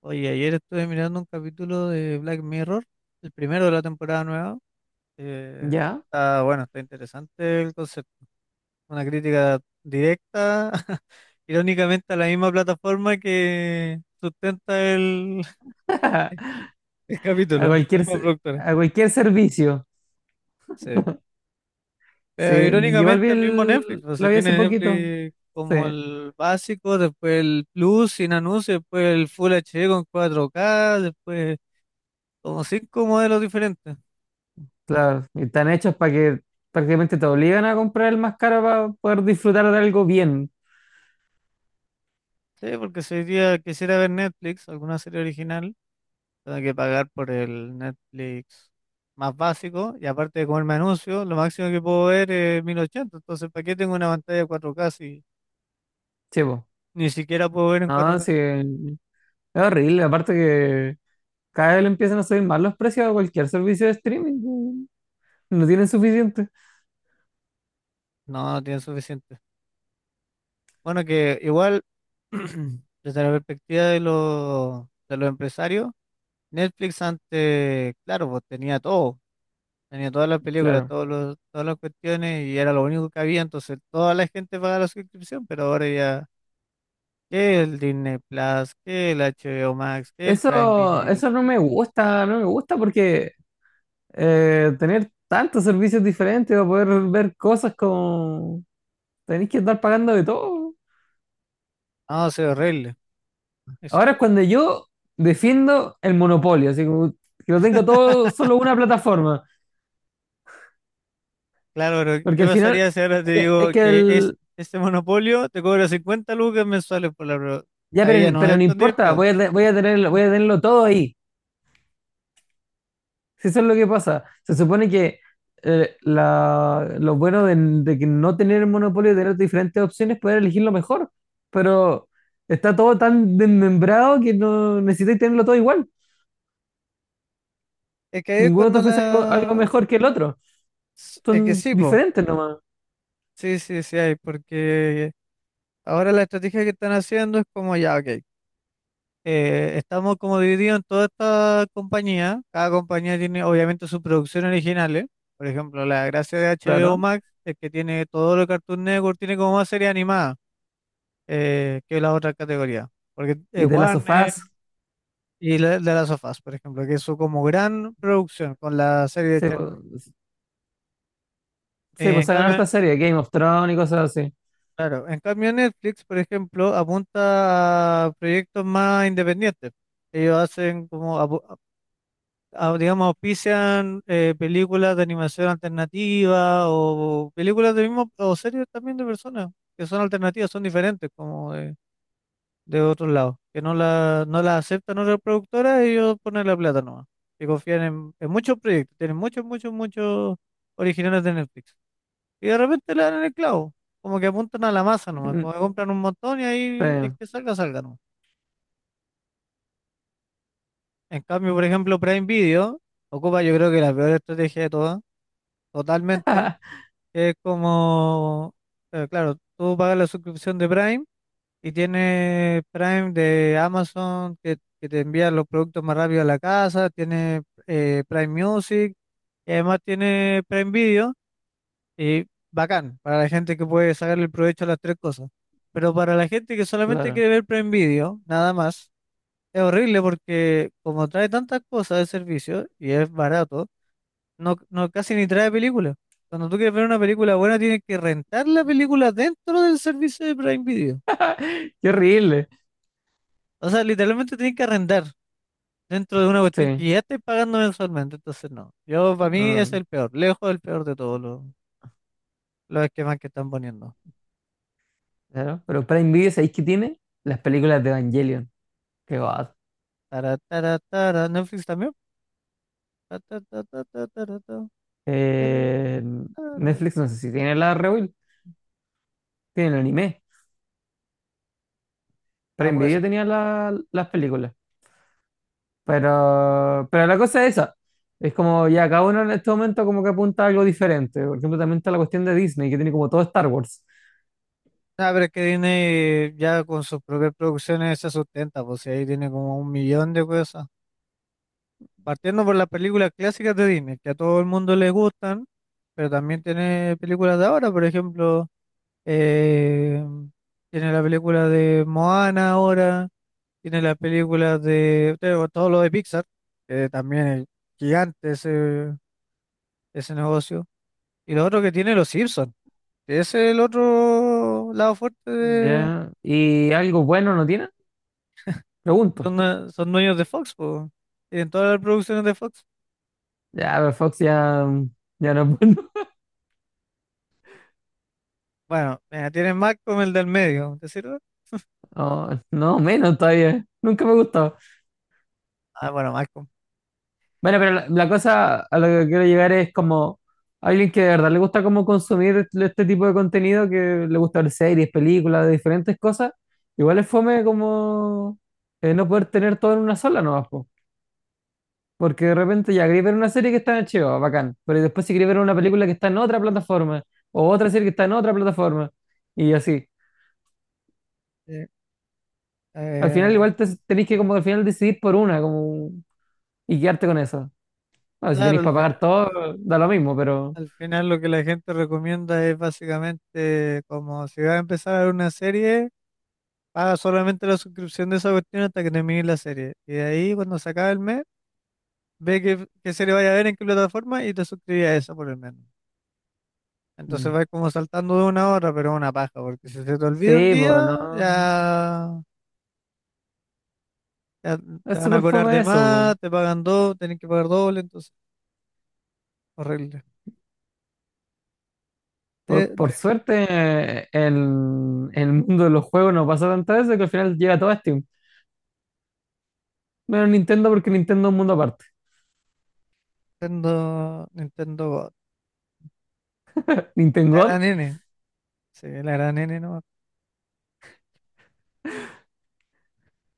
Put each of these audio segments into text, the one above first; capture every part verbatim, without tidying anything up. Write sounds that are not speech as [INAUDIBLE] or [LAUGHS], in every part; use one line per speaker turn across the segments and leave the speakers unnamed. Oye, ayer estuve mirando un capítulo de Black Mirror, el primero de la temporada nueva. Eh,
Ya.
Está bueno, está interesante el concepto. Una crítica directa, [LAUGHS] irónicamente, a la misma plataforma que sustenta el,
[LAUGHS]
[LAUGHS] el
A
capítulo, la
cualquier,
misma
se-
productora.
a cualquier servicio.
Sí.
Sí,
Pero
igual vi
irónicamente, el mismo Netflix,
el-
o sea,
lo vi hace
tiene
poquito.
Netflix
Sí,
como el básico, después el Plus sin anuncios, después el Full H D con cuatro k después como cinco modelos diferentes.
claro. Y están hechos para que prácticamente te obligan a comprar el más caro para poder disfrutar de algo bien.
Sí, porque si hoy día quisiera ver Netflix, alguna serie original, tengo que pagar por el Netflix más básico y aparte de comerme anuncios, lo máximo que puedo ver es mil ochenta. Entonces, ¿para qué tengo una pantalla cuatro K si
Chivo.
ni siquiera puedo ver en
No,
cuatro K?
sí. Es horrible. Aparte que cada vez le empiezan a subir más los precios a cualquier servicio de streaming. No tienen suficiente.
No, no tiene suficiente. Bueno, que igual, [CLEARS THROAT] desde la perspectiva de los, de los empresarios, Netflix antes, claro, pues tenía todo. Tenía todas las películas,
Claro.
todos los, todas las cuestiones y era lo único que había, entonces toda la gente pagaba la suscripción, pero ahora ya que el Disney Plus, que el H B O Max, que el Prime
Eso,
Video,
eso no
que el
me
YouTube.
gusta, no me gusta porque eh, tener tantos servicios diferentes para poder ver cosas como tenéis que estar pagando de todo.
No, se ve horrible. Eso.
Ahora es cuando yo defiendo el monopolio, así como que lo tengo todo solo una
[LAUGHS]
plataforma,
Claro, pero
porque
¿qué
al final
pasaría si ahora te
es que,
digo
es que
que es
el,
este monopolio te cobra cincuenta lucas mensuales por la prueba?
ya,
Ahí ya
pero,
no
pero
es
no
tan
importa,
divertido.
voy a, te- voy a tener,
Ah,
voy a tenerlo todo ahí. Si eso es lo que pasa. Se supone que eh, la- lo bueno de, de que no tener el monopolio y tener diferentes opciones, es poder elegir lo mejor. Pero está todo tan desmembrado que no necesitas tenerlo todo igual.
es que ahí es
Ninguno te
cuando
ofrece algo, algo
la...
mejor que el otro.
Es que
Son
sí, po.
diferentes nomás,
Sí, sí, sí hay, porque ahora la estrategia que están haciendo es como ya, ok, eh, estamos como divididos en toda esta compañía. Cada compañía tiene obviamente sus producciones originales. Por ejemplo, la gracia de H B O
claro.
Max es que tiene todo lo que Cartoon Network, tiene como más serie animada eh, que las otras categorías. Porque eh,
Y de las
Warner
sofás,
y la, de las sofás, por ejemplo, que es su como gran producción con la serie de
se,
Chernobyl.
sí
Eh,
pues
en
sacan
cambio,
harta serie, Game of Thrones y cosas así.
claro, en cambio Netflix, por ejemplo, apunta a proyectos más independientes. Ellos hacen como apu- au- digamos, auspician eh, películas de animación alternativa o películas de mismo, o series también de personas que son alternativas, son diferentes como de, de otros lados, que no la, no la aceptan otras productoras y ellos ponen la plata nomás, y confían en, en muchos proyectos, tienen muchos, muchos, muchos originales de Netflix. Y de repente le dan en el clavo, como que apuntan a la masa nomás, como que
[LAUGHS]
compran un montón y
Sí,
ahí el que salga, salga. En cambio, por ejemplo, Prime Video ocupa yo creo que la peor estrategia de todas, totalmente, que es como, eh, claro, tú pagas la suscripción de Prime y tienes Prime de Amazon que, que te envía los productos más rápido a la casa, tienes eh, Prime Music y además tienes Prime Video. Y bacán, para la gente que puede sacarle el provecho a las tres cosas. Pero para la gente que solamente
claro.
quiere ver Prime Video, nada más, es horrible porque como trae tantas cosas de servicio y es barato, no, no casi ni trae películas. Cuando tú quieres ver una película buena, tienes que rentar la película dentro del servicio de Prime Video.
Qué horrible.
O sea, literalmente tienes que arrendar dentro de una cuestión
Sí.
que ya estás pagando mensualmente. Entonces, no. Yo, para mí, es
Mm,
el peor, lejos el peor de todos los, los esquemas que están poniendo.
claro. Pero Prime Video, ¿sabéis qué tiene? Las películas de Evangelion. Qué va.
Tara, tara, tara. Netflix también ta, ta, ta, ta, ta, ta, ta, ta, ta.
Eh, Netflix no sé si tiene la Rewild, tiene el anime.
Ah,
Prime
pues.
Video tenía la- las películas. Pero, pero la cosa es esa. Es como ya cada uno en este momento como que apunta a algo diferente. Por ejemplo, también está la cuestión de Disney, que tiene como todo Star Wars.
Ah, pero es que Disney ya con sus propias producciones se sustenta, pues y ahí tiene como un millón de cosas. Partiendo por las películas clásicas de Disney, que a todo el mundo le gustan, pero también tiene películas de ahora, por ejemplo, eh, tiene la película de Moana ahora, tiene las películas de tengo todo lo de Pixar, que también es gigante ese, ese negocio. Y lo otro que tiene los Simpsons. Ese es el otro lado fuerte de...
Ya. ¿Y algo bueno no tiene? Pregunto.
Son, due- son dueños de Fox, po. Tienen todas las producciones de Fox.
Ya, pero Fox ya, ya no es bueno. [LAUGHS]
Bueno, mira, tienen Malcolm, el del medio, ¿te sirve?
No, no, menos todavía. Nunca me gustó.
Ah, bueno, Malcolm.
Bueno, pero la, la cosa a la que quiero llegar es como alguien que de verdad le gusta como consumir este este tipo de contenido, que le gusta ver series, películas, de diferentes cosas, igual es fome como eh, no poder tener todo en una sola nomás, po. Porque de repente ya quería ver una serie que está en H B O, bacán, pero después si quería ver una película que está en otra plataforma, o otra serie que está en otra plataforma, y así.
Sí.
Al final
Eh,
igual te, tenéis que como al final decidir por una, como, y quedarte con eso. Bueno, si
claro,
tenéis
al,
para
fi-
pagar todo, da lo mismo, pero…
al final lo que la gente recomienda es básicamente como si vas a empezar a ver una serie, paga solamente la suscripción de esa cuestión hasta que termine la serie. Y de ahí, cuando se acabe el mes, ve qué, qué serie vaya a ver, en qué plataforma y te suscribes a esa por el mes. Entonces
mm.
vais como saltando de una hora, pero es una paja, porque si se te olvida un
Sí, pues no.
día, ya, ya te
Es
van a
súper
cobrar
fome
de
eso, po.
más, te pagan dos, tenés que pagar doble, entonces, horrible. Eh,
Por, por
re-
suerte, eh, el, el mundo de los juegos no pasa tantas veces que al final llega todo a Steam. Menos Nintendo, porque Nintendo es un mundo aparte.
Nintendo, Nintendo God. La
Nintendo,
gran N, sí, la gran N nomás.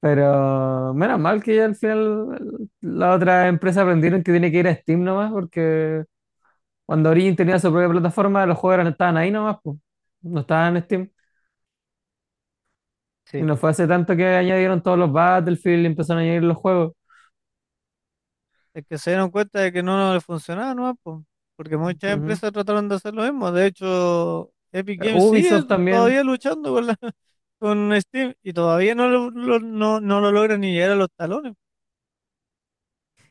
pero menos mal que al final las otras empresas aprendieron que tiene que ir a Steam nomás, porque cuando Origin tenía su propia plataforma, los juegos eran- estaban ahí nomás, pues. No estaban en Steam. Y
Sí,
no fue hace tanto que añadieron todos los Battlefield y empezaron a añadir los juegos.
es que se dieron cuenta de que no les funcionaba nomás, po, porque muchas
Ujú.
empresas trataron de hacer lo mismo. De hecho, Epic
Eh,
Games sigue
Ubisoft
todavía
también.
luchando con, la- [LAUGHS] con Steam y todavía no lo, lo- no, no lo logran ni llegar a los talones.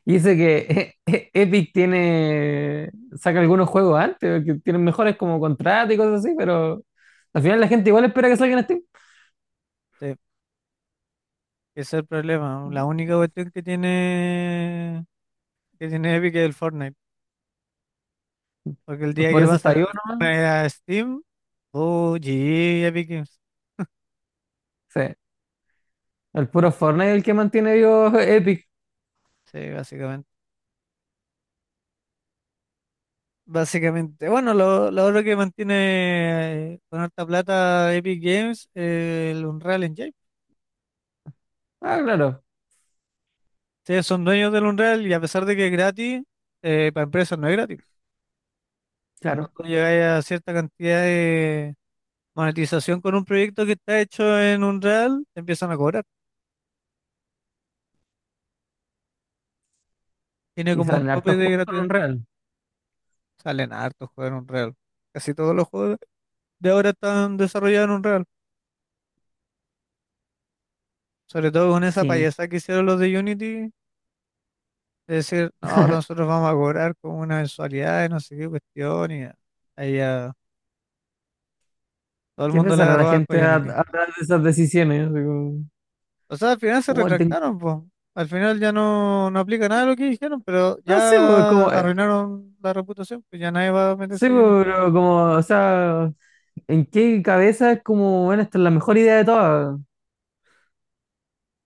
Y dice que [LAUGHS] e- e- Epic tiene, saca algunos juegos antes, que tienen mejores como contratos y cosas así, pero al final la gente igual espera que salgan en Steam.
Sí. Ese es el problema. La única cuestión que tiene, que tiene Epic es el Fortnite. Porque el día
Por
que
eso
pasen
está
el
vivo nomás.
Fortnite a Steam, oh, G G Epic Games.
Sí. El puro Fortnite es el que mantiene vivo Epic.
Sí, básicamente. Básicamente. Bueno, lo, lo otro que mantiene eh, con harta plata Epic Games es el Unreal Engine.
Ah, claro,
Ustedes son dueños del Unreal y a pesar de que es gratis, eh, para empresas no es gratis. Cuando
claro.
tú llegas a cierta cantidad de monetización con un proyecto que está hecho en Unreal, te empiezan a cobrar. Tiene
Y
como un
salen
tope
hartos
de
juegos con
gratuidad.
Unreal.
Salen hartos juegos en Unreal. Casi todos los juegos de ahora están desarrollados en Unreal. Sobre todo con esa
Sí.
payasada que hicieron los de Unity, de decir, no, ahora nosotros vamos a cobrar con una mensualidad y no sé qué cuestión. Y ahí ya todo el
¿Qué
mundo le
pensará la
agarró asco a
gente a-
Unity.
atrás de esas decisiones? Así como,
O sea, al final se
"Oh, el ten-
retractaron, pues. Al final ya no, no aplica nada de lo que dijeron, pero
No sé, pues,
ya
como, eh,
arruinaron la reputación, pues ya nadie va a
sí,
meterse a Unity,
pues, pero como, o sea, ¿en qué cabeza es como, bueno, esta es la mejor idea de todas?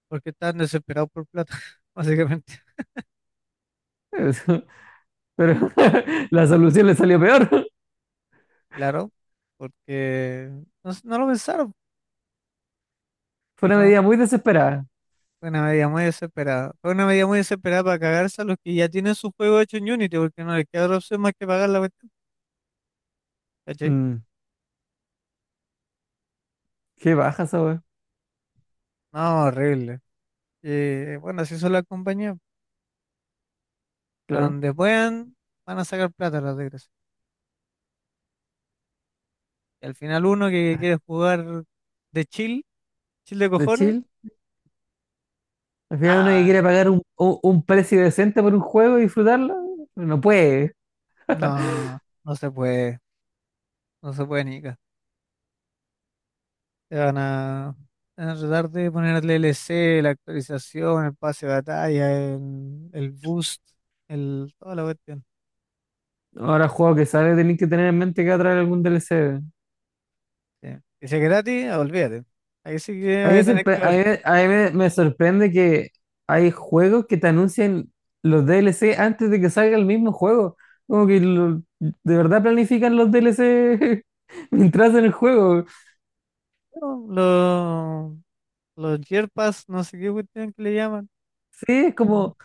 porque están desesperados por plata, [LAUGHS] básicamente.
[LAUGHS] Pero [LAUGHS] la solución le salió peor.
Claro, porque no, sé, no lo pensaron.
[LAUGHS] Fue una
No
medida muy desesperada.
Fue una medida muy desesperada. Fue una medida muy desesperada para cagarse a los que ya tienen su juego hecho en Unity, porque no les queda otra opción más que pagar la cuestión. ¿Cachai?
Mm, qué baja esa weá,
No, horrible. Y bueno, así son las compañías. De
claro.
donde puedan, van a sacar plata las desgracias. Y al final uno que quiere jugar de chill, chill de
De
cojones,
chill. Al final uno que
nada,
quiere pagar un, un- un precio decente por un juego y disfrutarlo, no puede.
no, no se puede, no se puede ni ca. Te van a, te van a tratar de poner el D L C, la actualización, el pase de batalla, el, el boost, el, toda la cuestión.
Ahora juego que sale, tenés que tener en mente que va a traer algún D L C.
Sí. Y si es gratis, olvídate. Ahí sí que
A mí,
voy a
me
tener
sorpre-
que
a
ver.
mí- a mí me- me sorprende que hay juegos que te anuncian los D L C antes de que salga el mismo juego. Como que lo- de verdad planifican los D L C [LAUGHS] mientras en el juego.
No, Los, los Yerpas, no sé qué cuestión que le llaman.
Sí, es
Mm.
como…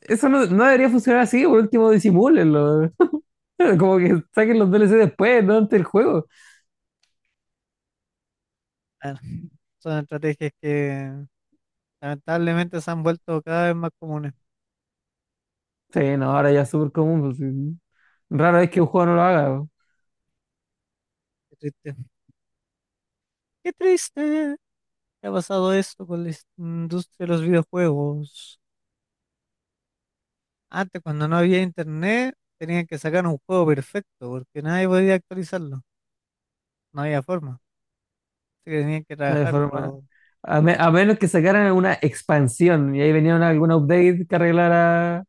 Eso no, no debería funcionar así, por último disimúlenlo. [LAUGHS] Como que saquen los D L C después, no antes del juego.
Bueno, son estrategias que lamentablemente se han vuelto cada vez más comunes.
Sí, no, ahora ya es súper común, pues, sí. Rara vez que un juego no lo haga, po.
Qué triste. Qué triste que ha pasado esto con la is- industria de los videojuegos. Antes, cuando no había internet, tenían que sacar un juego perfecto porque nadie podía actualizarlo. No había forma. Así que tenían que
No hay forma.
trabajarlo,
A, me- a menos que sacaran una expansión y ahí venía una- algún update que arreglara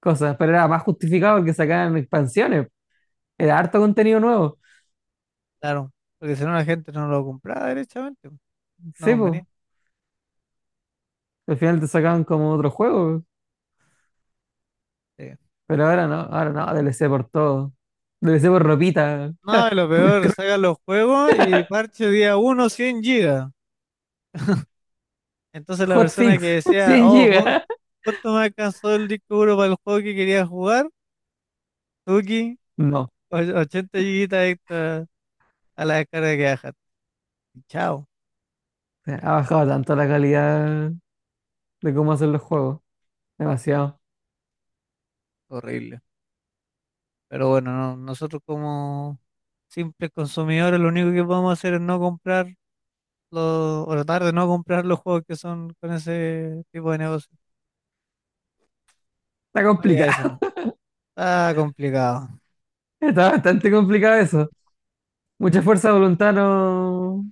cosas. Pero era más justificado que sacaran expansiones. Era harto contenido nuevo.
claro, porque si no la gente no lo compraba derechamente. No
Sí, pues.
convenía.
Al final te sacaban como otro juego.
Sí.
Pero ahora no, ahora no, D L C por todo. D L C por ropita,
No, y lo
por
peor,
cro-
sacan los juegos y parche día uno cien gigas. Entonces la persona
hotfix,
que
[LAUGHS]
decía,
cien
oh, ju-
gigas.
justo me alcanzó el disco duro para el juego que quería jugar, Tuki,
No,
och- ochenta gigas extra a la descarga que bajaste. Y chao,
[LAUGHS] sea, ha bajado tanto la calidad de cómo hacer los juegos. Demasiado.
horrible. Pero bueno, no, nosotros como simples consumidores lo único que podemos hacer es no comprar los, o tratar de no comprar los juegos que son con ese tipo de negocio.
Está
Oye, eso
complicado.
no. Está complicado.
[LAUGHS] Está bastante complicado eso. Mucha fuerza de voluntad no,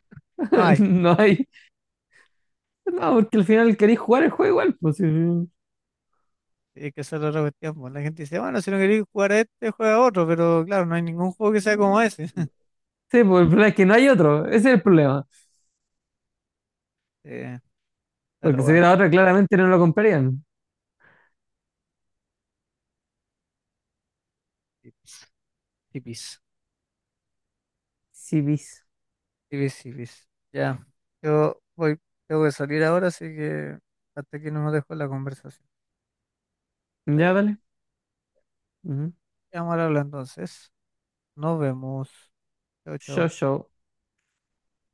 No
[LAUGHS]
hay.
no hay. No, porque al final queréis jugar el juego igual. Pues, sí, sí.
Y que esa es la otra cuestión, pues. La gente dice, bueno, si no queréis jugar a este, juega a otro, pero claro, no hay ningún juego que sea como ese. [LAUGHS]
Sí, pues el problema es que no hay otro. Ese es el problema.
Eh,
Porque
pero
si
bueno,
hubiera otro, claramente no lo comprarían.
tipis, tipis,
Sí, bis.
tipis, tipis. Ya, yo voy, tengo que salir ahora, así que hasta aquí no nos dejo la conversación.
Ya,
Dale.
dale. Ujú.
Vamos a hablar entonces. Nos vemos. Chao,
Yo,
chao.
yo.